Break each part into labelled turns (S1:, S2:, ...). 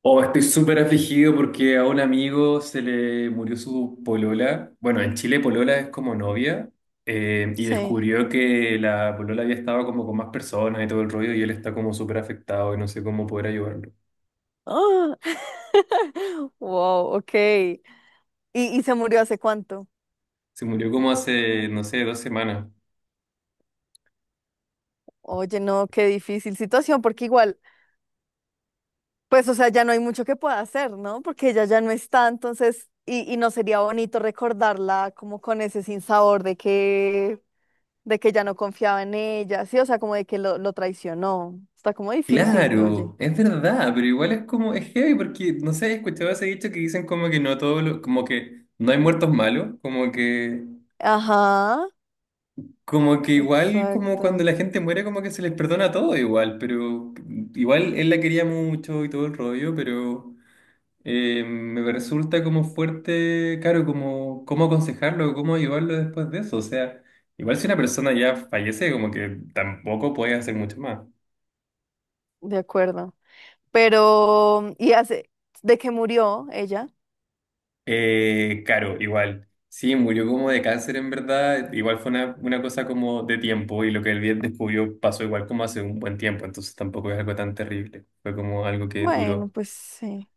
S1: Oh, estoy súper afligido porque a un amigo se le murió su polola. Bueno, en Chile polola es como novia. Y
S2: Sí.
S1: descubrió que la polola había estado como con más personas y todo el rollo y él está como súper afectado y no sé cómo poder ayudarlo.
S2: ¡Ah! Wow, ok. Y se murió hace cuánto?
S1: Se murió como hace, no sé, dos semanas.
S2: Oye, no, qué difícil situación, porque igual, pues, o sea, ya no hay mucho que pueda hacer, ¿no? Porque ella ya no está, entonces, y no sería bonito recordarla como con ese sinsabor de que ya no confiaba en ella, sí, o sea, como de que lo traicionó. Está como difícil, oye.
S1: Claro, es verdad, pero igual es como, es heavy porque, no sé, he escuchado ese dicho que dicen como que no todo lo, como que no hay muertos malos, como que.
S2: Ajá,
S1: Como que igual, como cuando
S2: exacto,
S1: la gente muere, como que se les perdona todo igual, pero igual él la quería mucho y todo el rollo, pero me resulta como fuerte, claro, como cómo aconsejarlo, cómo ayudarlo después de eso. O sea, igual si una persona ya fallece, como que tampoco puedes hacer mucho más.
S2: de acuerdo. Pero, ¿y hace, de qué murió ella?
S1: Claro, igual. Sí, murió como de cáncer en verdad, igual fue una cosa como de tiempo y lo que él bien descubrió pasó igual como hace un buen tiempo, entonces tampoco es algo tan terrible, fue como algo que
S2: Bueno,
S1: duró.
S2: pues sí.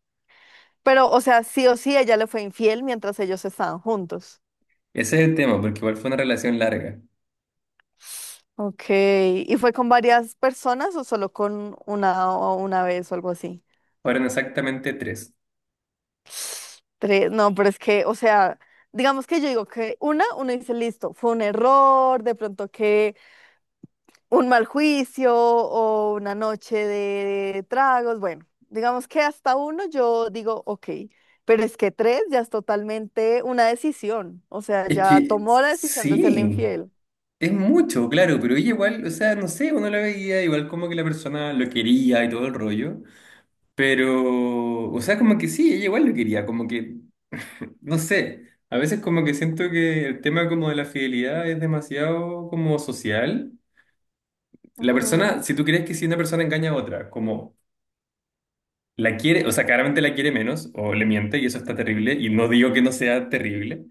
S2: Pero, o sea, sí o sí, ella le fue infiel mientras ellos estaban juntos.
S1: Ese es el tema, porque igual fue una relación larga.
S2: Ok. ¿Y fue con varias personas o solo con una o una vez o algo así?
S1: Fueron exactamente tres.
S2: Tres. No, pero es que, o sea, digamos que yo digo que una, uno dice, listo, fue un error, de pronto que un mal juicio o una noche de tragos. Bueno, digamos que hasta uno yo digo, ok, pero es que tres ya es totalmente una decisión, o sea,
S1: Es
S2: ya
S1: que
S2: tomó la decisión de serle
S1: sí,
S2: infiel.
S1: es mucho, claro, pero ella igual, o sea, no sé, uno la veía igual como que la persona lo quería y todo el rollo, pero, o sea, como que sí, ella igual lo quería, como que, no sé, a veces como que siento que el tema como de la fidelidad es demasiado como social. La persona,
S2: Ujú.
S1: si tú crees que si una persona engaña a otra, como la quiere, o sea, claramente la quiere menos o le miente y eso está terrible y no digo que no sea terrible.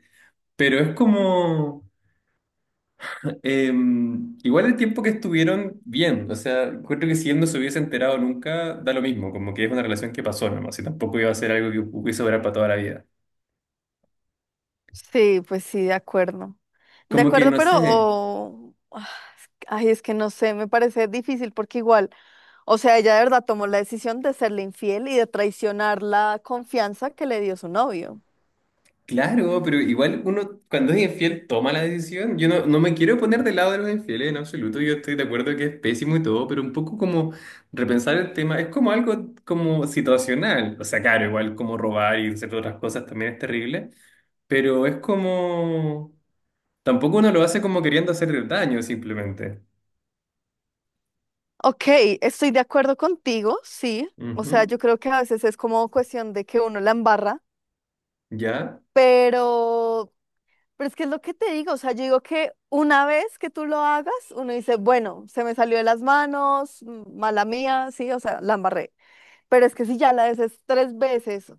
S1: Pero es como, igual el tiempo que estuvieron bien, o sea, creo que si él no se hubiese enterado nunca, da lo mismo, como que es una relación que pasó nomás, y tampoco iba a ser algo que hubiese durar para toda la vida.
S2: Sí, pues sí, de acuerdo. De
S1: Como que
S2: acuerdo,
S1: no
S2: pero,
S1: sé,
S2: oh, ah, ay, es que no sé, me parece difícil porque igual, o sea, ella de verdad tomó la decisión de serle infiel y de traicionar la confianza que le dio su novio.
S1: claro, pero igual uno cuando es infiel toma la decisión, yo no, no me quiero poner del lado de los infieles en absoluto, yo estoy de acuerdo que es pésimo y todo, pero un poco como repensar el tema, es como algo como situacional, o sea, claro, igual como robar y hacer otras cosas también es terrible, pero es como. Tampoco uno lo hace como queriendo hacer daño, simplemente.
S2: Ok, estoy de acuerdo contigo, sí. O sea, yo
S1: Ujú.
S2: creo que a veces es como cuestión de que uno la embarra,
S1: Ya.
S2: pero, pero es que es lo que te digo. O sea, yo digo que una vez que tú lo hagas, uno dice, bueno, se me salió de las manos, mm, mala mía, sí, o sea, la embarré. Pero es que si ya la haces tres veces,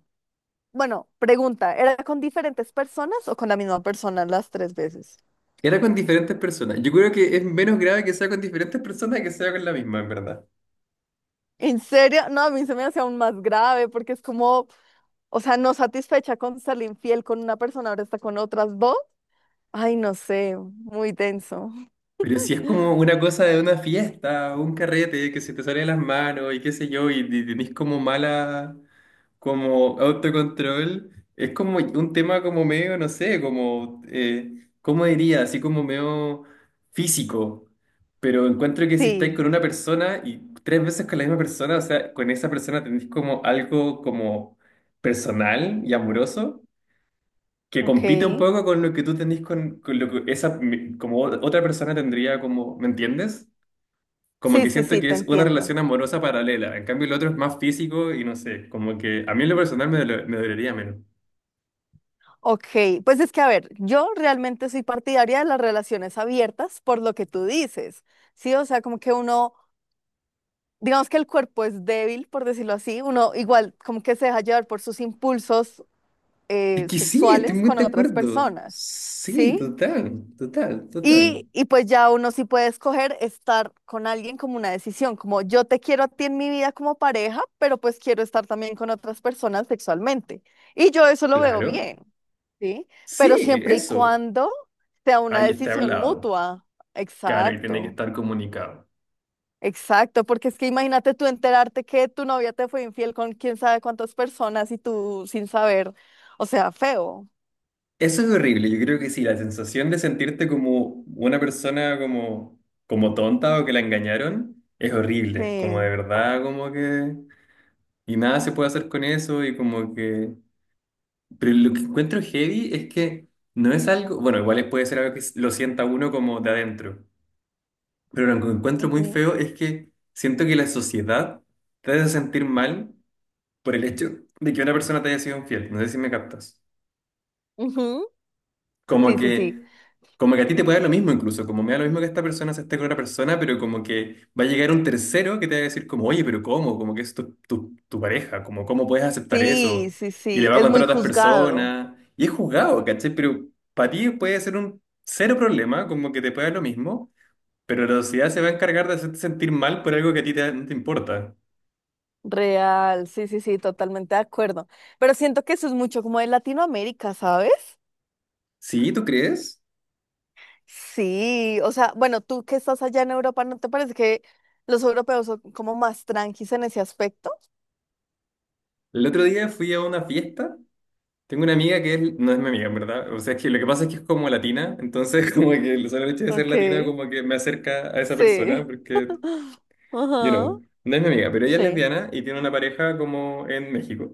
S2: bueno, pregunta, ¿era con diferentes personas o con la misma persona las tres veces?
S1: Era con diferentes personas. Yo creo que es menos grave que sea con diferentes personas que sea con la misma, en verdad.
S2: ¿En serio? No, a mí se me hace aún más grave porque es como... O sea, no satisfecha con ser infiel con una persona, ahora está con otras dos. Ay, no sé, muy denso.
S1: Pero si es como una cosa de una fiesta, un carrete que se te sale de las manos y qué sé yo, y tenés como mala. Como autocontrol, es como un tema como medio, no sé, como, ¿cómo diría? Así como medio físico. Pero encuentro que si estáis
S2: Sí,
S1: con una persona y tres veces con la misma persona, o sea, con esa persona tenéis como algo como personal y amoroso, que compite un
S2: ok.
S1: poco con lo que tú tenés con lo que esa, como otra persona tendría como, ¿me entiendes? Como
S2: Sí,
S1: que
S2: sí,
S1: siento
S2: sí,
S1: que
S2: te
S1: es una
S2: entiendo.
S1: relación amorosa paralela. En cambio, el otro es más físico y no sé. Como que a mí en lo personal me dolería menos.
S2: Ok, pues es que a ver, yo realmente soy partidaria de las relaciones abiertas por lo que tú dices, ¿sí? O sea, como que uno, digamos que el cuerpo es débil, por decirlo así, uno igual como que se deja llevar por sus impulsos
S1: Es que sí, estoy
S2: sexuales
S1: muy
S2: con
S1: de
S2: otras
S1: acuerdo.
S2: personas,
S1: Sí,
S2: ¿sí?
S1: total, total, total.
S2: Y pues ya uno sí puede escoger estar con alguien como una decisión, como yo te quiero a ti en mi vida como pareja, pero pues quiero estar también con otras personas sexualmente. Y yo eso lo veo
S1: Claro.
S2: bien, ¿sí?
S1: Sí,
S2: Pero siempre y
S1: eso.
S2: cuando sea una
S1: Ahí está
S2: decisión
S1: hablado.
S2: mutua.
S1: Claro, y tiene que
S2: Exacto,
S1: estar comunicado.
S2: exacto, porque es que imagínate tú enterarte que tu novia te fue infiel con quién sabe cuántas personas y tú sin saber, o sea, feo.
S1: Eso es horrible. Yo creo que sí, la sensación de sentirte como una persona como tonta o que la engañaron es horrible. Como de
S2: Sí.
S1: verdad, como que. Y nada se puede hacer con eso y como que. Pero lo que encuentro heavy es que no es algo, bueno, igual puede ser algo que lo sienta uno como de adentro, pero lo que encuentro muy
S2: Ujú,
S1: feo es que siento que la sociedad te hace sentir mal por el hecho de que una persona te haya sido infiel. No sé si me captas.
S2: ujú,
S1: Como
S2: sí, sí, sí.
S1: que, como que a ti te puede dar lo mismo incluso, como me da lo mismo que esta persona se esté con otra persona, pero como que va a llegar un tercero que te va a decir como, oye, pero ¿cómo? Como que es tu pareja, como, ¿cómo puedes aceptar
S2: Sí,
S1: eso?
S2: sí,
S1: Y le
S2: sí,
S1: va a
S2: es
S1: contar
S2: muy
S1: a otras
S2: juzgado,
S1: personas. Y es juzgado, ¿cachai? Pero para ti puede ser un cero problema, como que te puede dar lo mismo, pero la sociedad se va a encargar de hacerte sentir mal por algo que a ti no te importa.
S2: real, sí, sí, sí, totalmente de acuerdo. Pero siento que eso es mucho como de Latinoamérica, ¿sabes?
S1: ¿Sí? ¿Tú crees?
S2: Sí, o sea, bueno, tú que estás allá en Europa, ¿no te parece que los europeos son como más tranquis en ese aspecto?
S1: El otro día fui a una fiesta. Tengo una amiga que no es mi amiga, en verdad. O sea, es que lo que pasa es que es como latina, entonces como que el solo hecho de ser
S2: Ok,
S1: latina como que me acerca a esa persona,
S2: sí,
S1: porque,
S2: ajá,
S1: no es mi amiga, pero ella es
S2: sí,
S1: lesbiana y tiene una pareja como en México.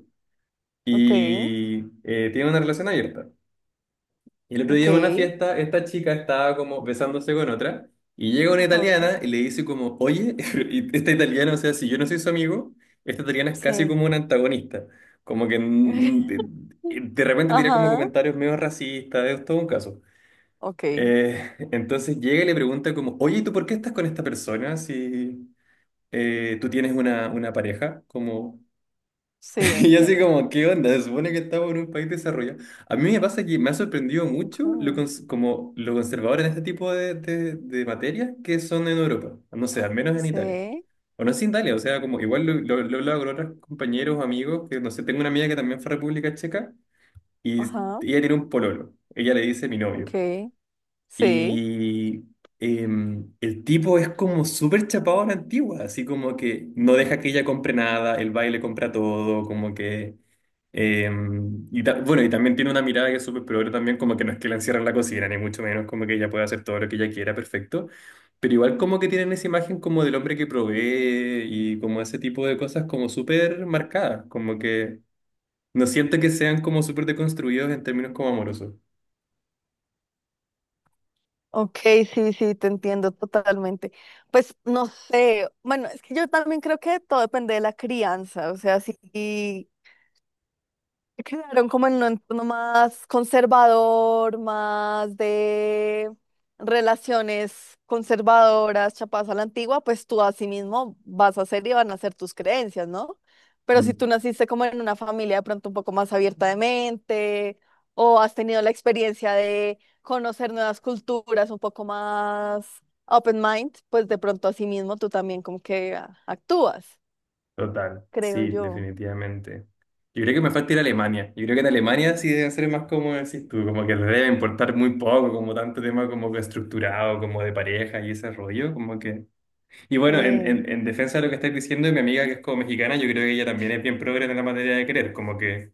S2: ok,
S1: Y tiene una relación abierta. Y el otro día
S2: ok,
S1: en una fiesta, esta chica estaba como besándose con otra y llega una
S2: ajá,
S1: italiana y le dice como, oye, y esta italiana, o sea, si yo no soy su amigo, esta italiana es casi
S2: sí,
S1: como una antagonista, como que de, de repente tira como
S2: ajá,
S1: comentarios medio racistas, es todo un caso.
S2: ok,
S1: Eh, entonces llega y le pregunta como, oye, ¿y tú por qué estás con esta persona si tú tienes una pareja? Como,
S2: sí,
S1: y así
S2: entiendo.
S1: como, ¿qué onda? Se supone que estamos en un país desarrollado. A mí me pasa que me ha sorprendido mucho
S2: Ajá,
S1: lo como lo conservador en este tipo de materias que son en Europa. No sé, al menos en Italia.
S2: sí,
S1: O no es Italia, o sea, como igual lo he hablado con otros compañeros, amigos, que no sé, tengo una amiga que también fue a República Checa y ella
S2: ajá,
S1: tiene un pololo. Ella le dice mi
S2: ok,
S1: novio.
S2: sí.
S1: Y el tipo es como súper chapado a la antigua, así como que no deja que ella compre nada, el baile compra todo, como que. Bueno, y también tiene una mirada que es súper progre también, como que no es que la encierran en la cocina, ni mucho menos, como que ella puede hacer todo lo que ella quiera, perfecto. Pero igual como que tienen esa imagen como del hombre que provee y como ese tipo de cosas como súper marcadas, como que no siento que sean como súper deconstruidos en términos como amorosos.
S2: Ok, sí, sí, te entiendo totalmente. Pues no sé, bueno, es que yo también creo que todo depende de la crianza, o sea, si quedaron como en un entorno más conservador, más de relaciones conservadoras, chapadas a la antigua, pues tú así mismo vas a ser y van a ser tus creencias, ¿no? Pero si tú naciste como en una familia de pronto un poco más abierta de mente o has tenido la experiencia de conocer nuevas culturas un poco más open mind, pues de pronto así mismo tú también como que ah, actúas,
S1: Total,
S2: creo
S1: sí,
S2: yo.
S1: definitivamente. Yo creo que me falta ir a Alemania. Yo creo que en Alemania sí deben ser más como decís tú, como que les debe importar muy poco, como tanto tema como que estructurado, como de pareja y ese rollo, como que. Y bueno, en,
S2: Sí.
S1: en, en defensa de lo que estáis diciendo, mi amiga que es como mexicana, yo creo que ella también es bien progre en la materia de querer, como que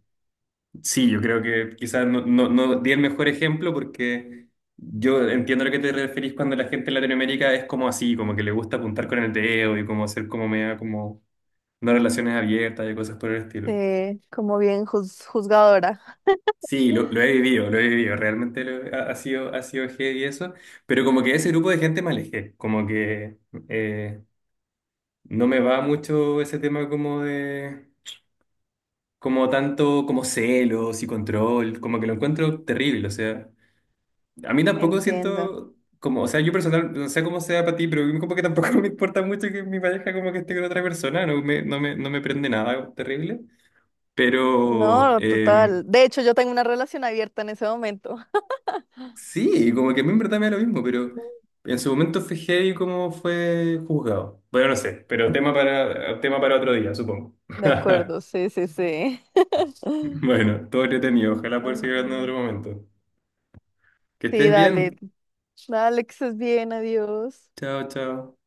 S1: sí, yo creo que quizás no, no, no di el mejor ejemplo porque. Yo entiendo a lo que te referís cuando la gente en Latinoamérica es como así, como que le gusta apuntar con el dedo y como ser como media como no relaciones abiertas y cosas por el estilo.
S2: Sí, como juzgadora.
S1: Sí, lo he vivido, lo he vivido, realmente lo ha sido, ha sido heavy eso, pero como que de ese grupo de gente me alejé, como que eh, no me va mucho ese tema como de, como tanto como celos y control, como que lo encuentro terrible, o sea, a mí tampoco
S2: Entiendo.
S1: siento como, o sea, yo personal, no sé cómo sea para ti, pero como que tampoco me importa mucho que mi pareja como que esté con otra persona, no me prende nada terrible, pero
S2: No, total. De hecho, yo tengo una relación abierta en ese momento.
S1: sí, como que a mí en verdad me da lo mismo, pero en su momento fue heavy cómo fue juzgado. Bueno, no sé, pero tema para otro día, supongo.
S2: De acuerdo, sí, sí, sí.
S1: Bueno, todo entretenido. Ojalá poder seguir hablando en
S2: Mm,
S1: otro momento. Que
S2: sí,
S1: estés bien.
S2: dale. Dale, que estés bien, adiós.
S1: Chao, chao.